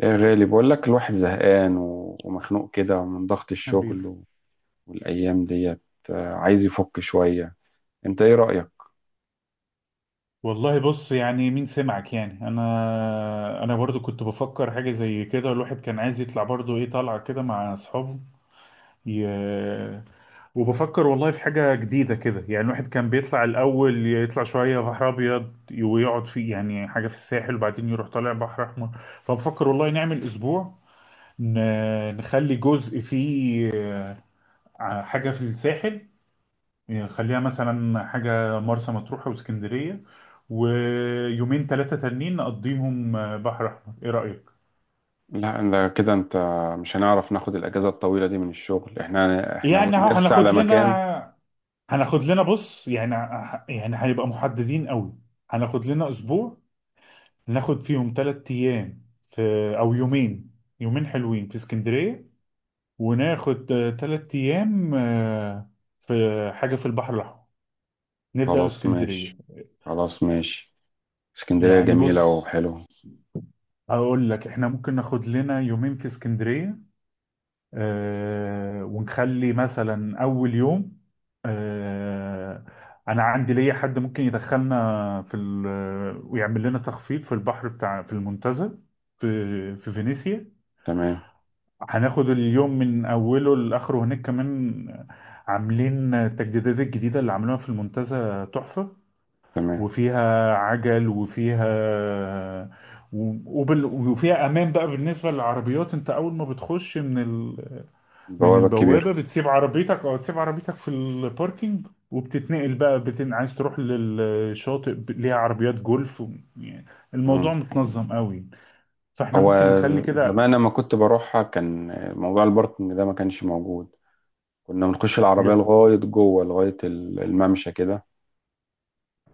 يا غالي، بقول لك الواحد زهقان ومخنوق كده من ضغط حبيبي. الشغل والأيام ديت. عايز يفك شوية. انت ايه رأيك؟ والله بص، يعني مين سمعك؟ يعني انا برضو كنت بفكر حاجه زي كده. الواحد كان عايز يطلع برضو، ايه طالعه كده مع اصحابه. ي... وبفكر والله في حاجه جديده كده. يعني الواحد كان بيطلع الاول، يطلع شويه بحر ابيض ويقعد فيه، يعني حاجه في الساحل، وبعدين يروح طالع بحر احمر. فبفكر والله نعمل اسبوع، ن... نخلي جزء فيه حاجه في الساحل، يعني خليها مثلا حاجة مرسى مطروح واسكندرية، ويومين ثلاثة تانيين نقضيهم آه، بحر أحمر. إيه رأيك؟ لا ده كده انت مش هنعرف ناخد الأجازة الطويلة دي من الشغل. احنا يعني أهو نرسى هناخد على مكان. لنا، هناخد لنا بص، يعني يعني هنبقى محددين قوي. هناخد لنا أسبوع، ناخد فيهم ثلاث أيام في، أو يومين، يومين حلوين في اسكندرية، وناخد ثلاث أيام آه، في حاجة في البحر الأحمر. نبدأ خلاص، باسكندرية. ماشي. خلاص، ماشي. اسكندرية يعني جميلة بص، وحلوة. هقول لك احنا ممكن ناخد لنا يومين في اسكندرية آه، ونخلي مثلا أول يوم آه، أنا عندي ليا حد ممكن يدخلنا في ويعمل لنا تخفيض في البحر بتاع، في المنتزه، في في فينيسيا. تمام. هناخد اليوم من أوله لآخره هناك كمان. عاملين التجديدات الجديدة اللي عملوها في المنتزه تحفة، تمام. وفيها عجل وفيها وفيها امان بقى بالنسبه للعربيات. انت اول ما بتخش من من البوابة الكبيرة. البوابة، بتسيب عربيتك، او تسيب عربيتك في الباركينج وبتتنقل بقى، عايز تروح للشاطئ ليها عربيات جولف و... يعني الموضوع مم. متنظم قوي. فاحنا ممكن هو نخلي كده. زمان لما كنت بروحها كان موضوع الباركنج ده ما كانش موجود. كنا بنخش العربية لا، لغاية جوه لغاية الممشى كده.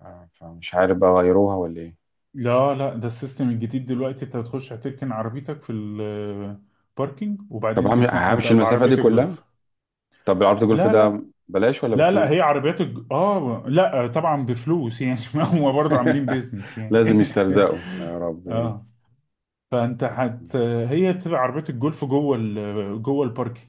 فمش عارف بقى غيروها ولا ايه. لا لا، ده السيستم الجديد دلوقتي. انت بتخش هتركن عربيتك في الباركينج، طب وبعدين تتنقل همشي بقى المسافة بعربية دي كلها؟ الجولف. طب العرض الجولف لا ده لا، بلاش ولا لا لا هي بفلوس؟ عربيات اه لا طبعا بفلوس يعني هم برضه عاملين بيزنس يعني لازم يسترزقوا يا ربي. اه، فانت هي بتبقى عربيه الجولف جوه جوه الباركينج.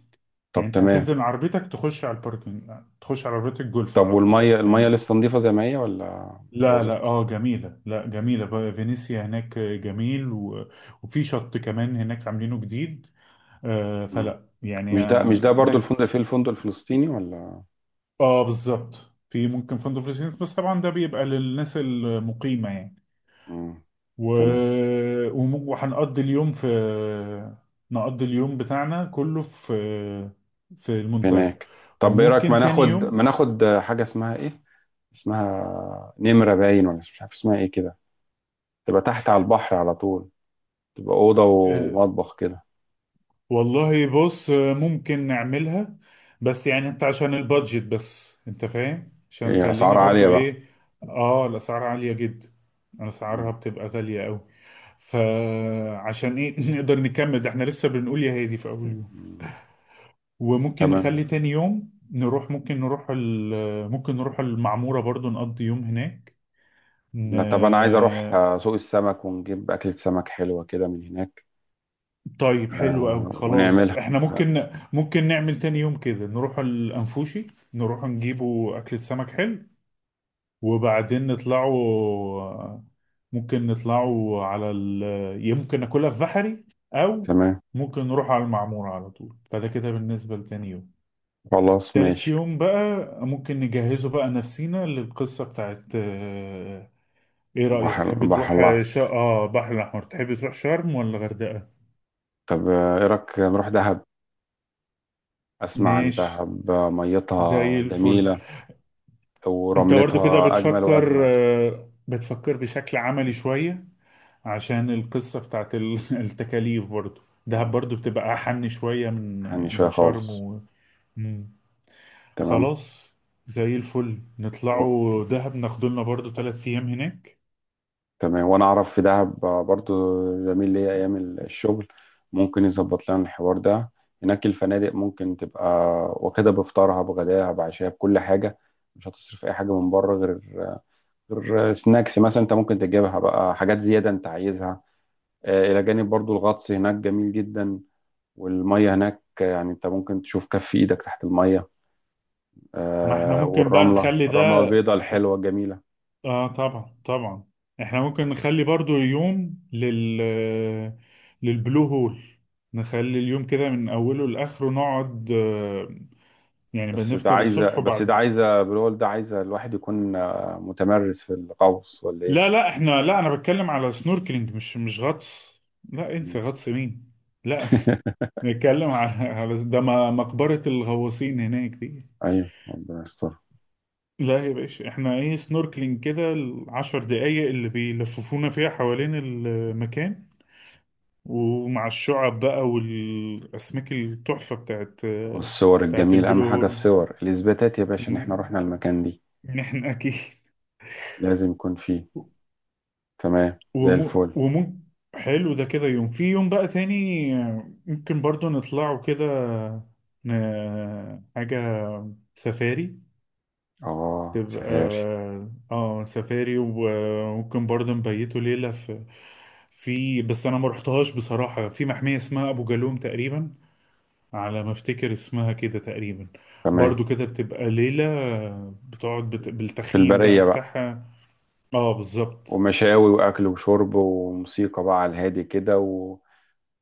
طب يعني انت تمام. هتنزل من عربيتك، تخش على الباركينج، تخش على عربيه الجولف طب، على طول، والمية المية فاهم؟ لسه نظيفة زي ما هي ولا لا لا، باظت؟ اه جميله، لا جميله بقى فينيسيا هناك جميل و... وفي شط كمان هناك عاملينه جديد. آه مم. فلا يعني مش ده مش آه ده برضو ده. في الفندق الفلسطيني ولا؟ اه بالظبط، في ممكن فندق في السيناء، بس طبعا ده بيبقى للناس المقيمه يعني. مم. و... تمام. وهنقضي اليوم في، نقضي اليوم بتاعنا كله في في في المنتزه. هناك. طب ايه رأيك، ما وممكن تاني ناخد ما يوم ناخد حاجة اسمها ايه، اسمها نمرة باين ولا مش عارف اسمها ايه كده، تبقى تحت على البحر على طول، تبقى أوضة آه، ومطبخ كده؟ والله بص آه، ممكن نعملها، بس يعني انت عشان البادجت، بس انت فاهم عشان ايه، أسعار خلينا برضو عالية بقى. ايه. اه الاسعار عالية جدا، اسعارها مم. بتبقى غالية قوي. فعشان ايه نقدر نكمل ده، احنا لسه بنقول يا هادي في اول يوم. آه. وممكن تمام. نخلي تاني يوم نروح، ممكن نروح ممكن نروح المعمورة برضو، نقضي يوم هناك. ن... لا، طب انا عايز اروح سوق السمك ونجيب اكلة سمك حلوة كده من هناك. طيب حلو آه، قوي، خلاص ونعملها. احنا آه، ممكن، ممكن نعمل تاني يوم كده نروح الأنفوشي، نروح نجيبوا أكلة سمك حلو، وبعدين نطلعوا، ممكن نطلعوا على يمكن ناكلها في بحري، أو تمام. ممكن نروح على المعمورة على طول. فده كده بالنسبة لتاني يوم. خلاص تالت ماشي. يوم بقى ممكن نجهزه بقى، نفسينا للقصة بتاعت آه، ايه رأيك؟ بحر تحب بحر تروح آه، الله. اه بحر الأحمر. تحب تروح شرم ولا غردقة؟ طب ايه رأيك نروح دهب؟ اسمع عن ماشي، دهب، ميتها زي الفل. جميلة انت برضو كده ورملتها اجمل بتفكر واجمل. آه، بتفكر بشكل عملي شوية، عشان القصة بتاعت التكاليف برضو. دهب اه، برضو بتبقى أحن شوية من، حني شوية من شرم خالص. و... مم. تمام. خلاص، زي الفل. نطلعوا دهب ناخدولنا برضو تلات أيام هناك. تمام. وانا اعرف في دهب برضو زميل ليا ايام الشغل، ممكن يظبط لنا الحوار ده. هناك الفنادق ممكن تبقى واخدة بفطارها بغداها بعشاها بكل حاجة، مش هتصرف اي حاجة من بره غير سناكس مثلا، انت ممكن تجيبها بقى حاجات زيادة انت عايزها. الى جانب، برضو الغطس هناك جميل جدا، والمية هناك يعني انت ممكن تشوف كف ايدك تحت المية. ما احنا ممكن بقى والرملة نخلي ده الرملة البيضاء ح... الحلوة الجميلة. اه طبعا طبعا. احنا ممكن نخلي برضو يوم لل، للبلو هول. نخلي اليوم كده من اوله لاخره نقعد آه، يعني بس ده بنفطر عايزة الصبح بس ده وبعد. عايزة بنقول ده عايزة الواحد يكون متمرس في الغوص ولا لا ايه؟ لا، احنا لا، انا بتكلم على سنوركلينج، مش مش غطس. لا مم. انسى غطس مين. لا نتكلم على على ده، مقبرة الغواصين هناك دي. ايوه، ربنا يستر. لا يا باشا، احنا ايه، سنوركلينج كده العشر دقايق اللي بيلففونا فيها حوالين المكان، ومع الشعب بقى والاسماك التحفة بتاعت، والصور بتاعت الجميلة اهم البلو حاجة، هول. الصور الاثباتات يا باشا ان احنا م- رحنا المكان دي. نحن اكيد. لازم يكون فيه. تمام، زي ومو الفل. ومو حلو ده كده، يوم في يوم بقى تاني ممكن برضو نطلعوا كده، حاجة سفاري اه، تبقى. سفاري. اه سفاري، وممكن برضه نبيته ليلة في، في، بس انا ما رحتهاش بصراحة، في محمية اسمها ابو جالوم تقريبا، على ما افتكر اسمها كده تقريبا. تمام. برضه كده بتبقى ليلة، بتقعد في بالتخييم بقى البرية بقى. بتاعها. اه بالظبط. ومشاوي واكل وشرب وموسيقى بقى على الهادي كده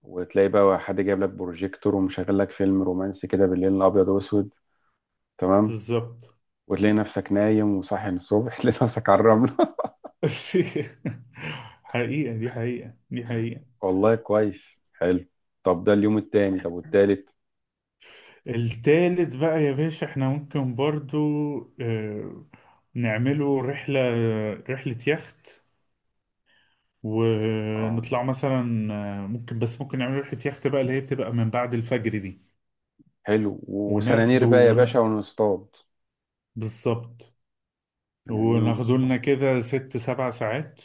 وتلاقي بقى حد جايب لك بروجيكتور ومشغل لك فيلم رومانسي كده بالليل الابيض واسود. تمام. بالظبط وتلاقي نفسك نايم، وصاحي من الصبح. تلاقي نفسك على الرملة. حقيقة دي، حقيقة دي حقيقة. والله كويس، حلو. طب ده اليوم التاني، طب والتالت؟ التالت بقى يا باشا، احنا ممكن برضو آه، نعمله رحلة، رحلة يخت. ونطلع آه، مثلا آه، ممكن، بس ممكن نعمل رحلة يخت بقى، اللي هي بتبقى من بعد الفجر دي. حلو، وسنانير وناخده بقى يا باشا ونصطاد. بالظبط. سنانير وناخده ونصطاد. لنا كده ست سبع ساعات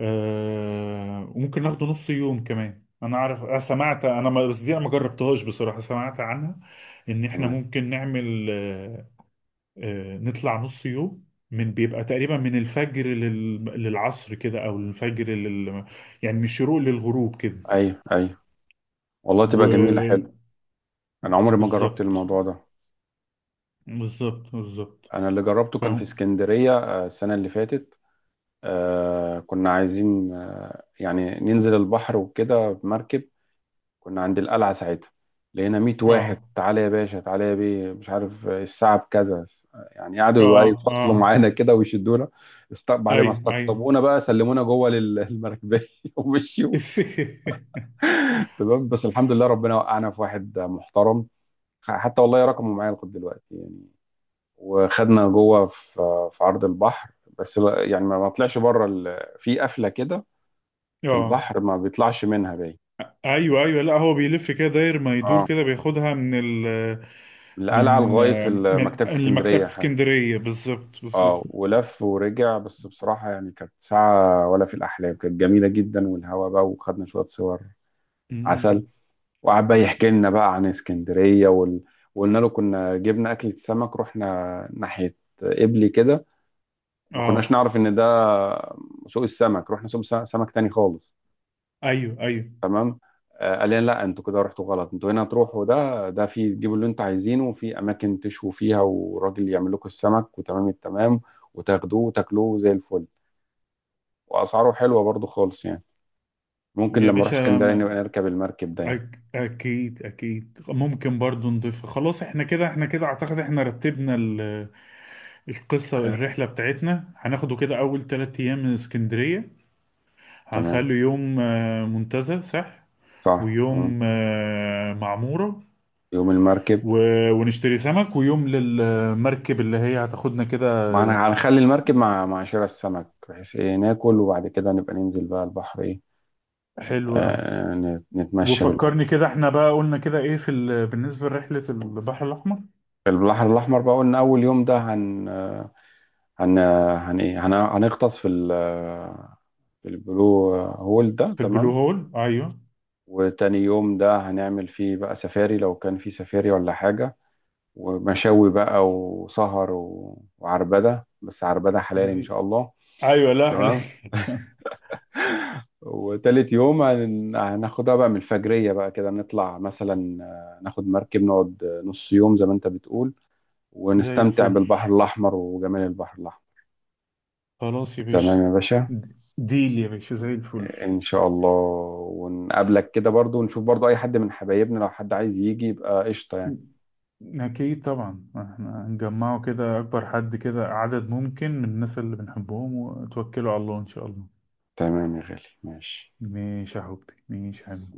آه... وممكن ناخده نص يوم كمان. انا اعرف، أنا سمعت، انا ما... بس دي انا ما جربتهاش بصراحة، سمعت عنها ان احنا تمام. ممكن نعمل آه... آه... نطلع نص يوم، من بيبقى تقريبا من الفجر للعصر كده، او الفجر لل... يعني من الشروق للغروب كده. ايوه، ايوه. والله تبقى جميلة، حلو. انا عمري ما جربت بالظبط، الموضوع ده. بالظبط بالظبط. انا اللي جربته كان في فاهم. اسكندرية السنة اللي فاتت. كنا عايزين يعني ننزل البحر وكده بمركب. كنا عند القلعة ساعتها، لقينا 100 واحد اه تعالى يا باشا تعالى يا بيه، مش عارف الساعة بكذا، يعني قعدوا بقى اه يفصلوا اه. معانا كده ويشدونا. بعد ما ايوه ايوه استقطبونا بقى سلمونا جوه المركبية ومشيوا. الس- تمام، بس الحمد لله ربنا وقعنا في واحد محترم، حتى والله رقمه معايا لغاية دلوقتي يعني. وخدنا جوه في عرض البحر. بس يعني ما طلعش بره في قفلة كده في اه البحر ما بيطلعش منها باين. ايوه ايوه، لا هو بيلف كده داير ما يدور اه، كده، بياخدها من ال، القلعة من، لغاية من مكتبة المكتبة اسكندرية. اسكندرية بالظبط بالظبط. اه، ولف ورجع. بس بصراحة يعني كانت ساعة ولا في الأحلام، كانت جميلة جدا والهوا بقى، وخدنا شوية صور أمم. عسل. وقعد بقى يحكي لنا بقى عن اسكندرية وقلنا له كنا جبنا أكلة سمك رحنا ناحية قبلي كده، ما كناش اه نعرف إن ده سوق السمك. رحنا سوق سمك تاني خالص. ايوه ايوه. تمام. قال لنا لا، انتوا كده رحتوا غلط، انتوا هنا تروحوا، ده في تجيبوا اللي انتوا عايزينه، وفي أماكن تشووا فيها، وراجل يعمل لكم السمك، وتمام التمام، وتاخدوه وتاكلوه زي الفل. واسعاره حلوه برضو خالص يعني. ممكن يا لما اروح باشا اسكندريه نبقى نركب المركب ده يعني. اكيد اكيد، ممكن برضو نضيفها. خلاص احنا كده، احنا كده اعتقد احنا رتبنا القصة. آه، الرحلة بتاعتنا هناخده كده، أول تلات أيام من اسكندرية. تمام، هنخلي يوم آه، منتزه صح، صح، ويوم ممكن. آه، معمورة يوم المركب. ونشتري سمك، ويوم للمركب اللي هي هتاخدنا كده ما آه، انا هنخلي المركب مع شراء السمك، بحيث ايه ناكل وبعد كده نبقى ننزل بقى البحر، ايه حلو أوي. نتمشى وفكرني بالبحر. كده، احنا بقى قلنا كده ايه في بالنسبة لرحلة البحر الأحمر. في البحر الاحمر بقى، قلنا اول يوم ده هن آه، هن آه، هن ايه هن هنغطس في ال آه، في البلو هول ده. في البلو تمام. هول أيوه. وتاني يوم ده هنعمل فيه بقى سفاري لو كان فيه سفاري ولا حاجة، ومشاوي بقى وسهر وعربدة، بس عربدة حلال إن زي شاء الله. أيوه لا حلو تمام. وتالت يوم هناخدها بقى من الفجرية بقى كده، نطلع مثلا ناخد مركب نقعد نص يوم زي ما أنت بتقول، زي ونستمتع الفل بالبحر الأحمر وجمال البحر الأحمر. خلاص يا تمام باشا. يا باشا. ديل يا باشا زي الفل. إن شاء الله. ونقابلك كده برضو، ونشوف برضو أي حد من حبايبنا، لو حد عايز يجي يبقى قشطة يعني. أكيد طبعا، احنا نجمعه كده أكبر حد كده، عدد ممكن من الناس اللي بنحبهم، وتوكلوا على الله إن شاء الله. تمام يا غالي، ماشي. ماشي يا حبيبي، ماشي يا حبيبي.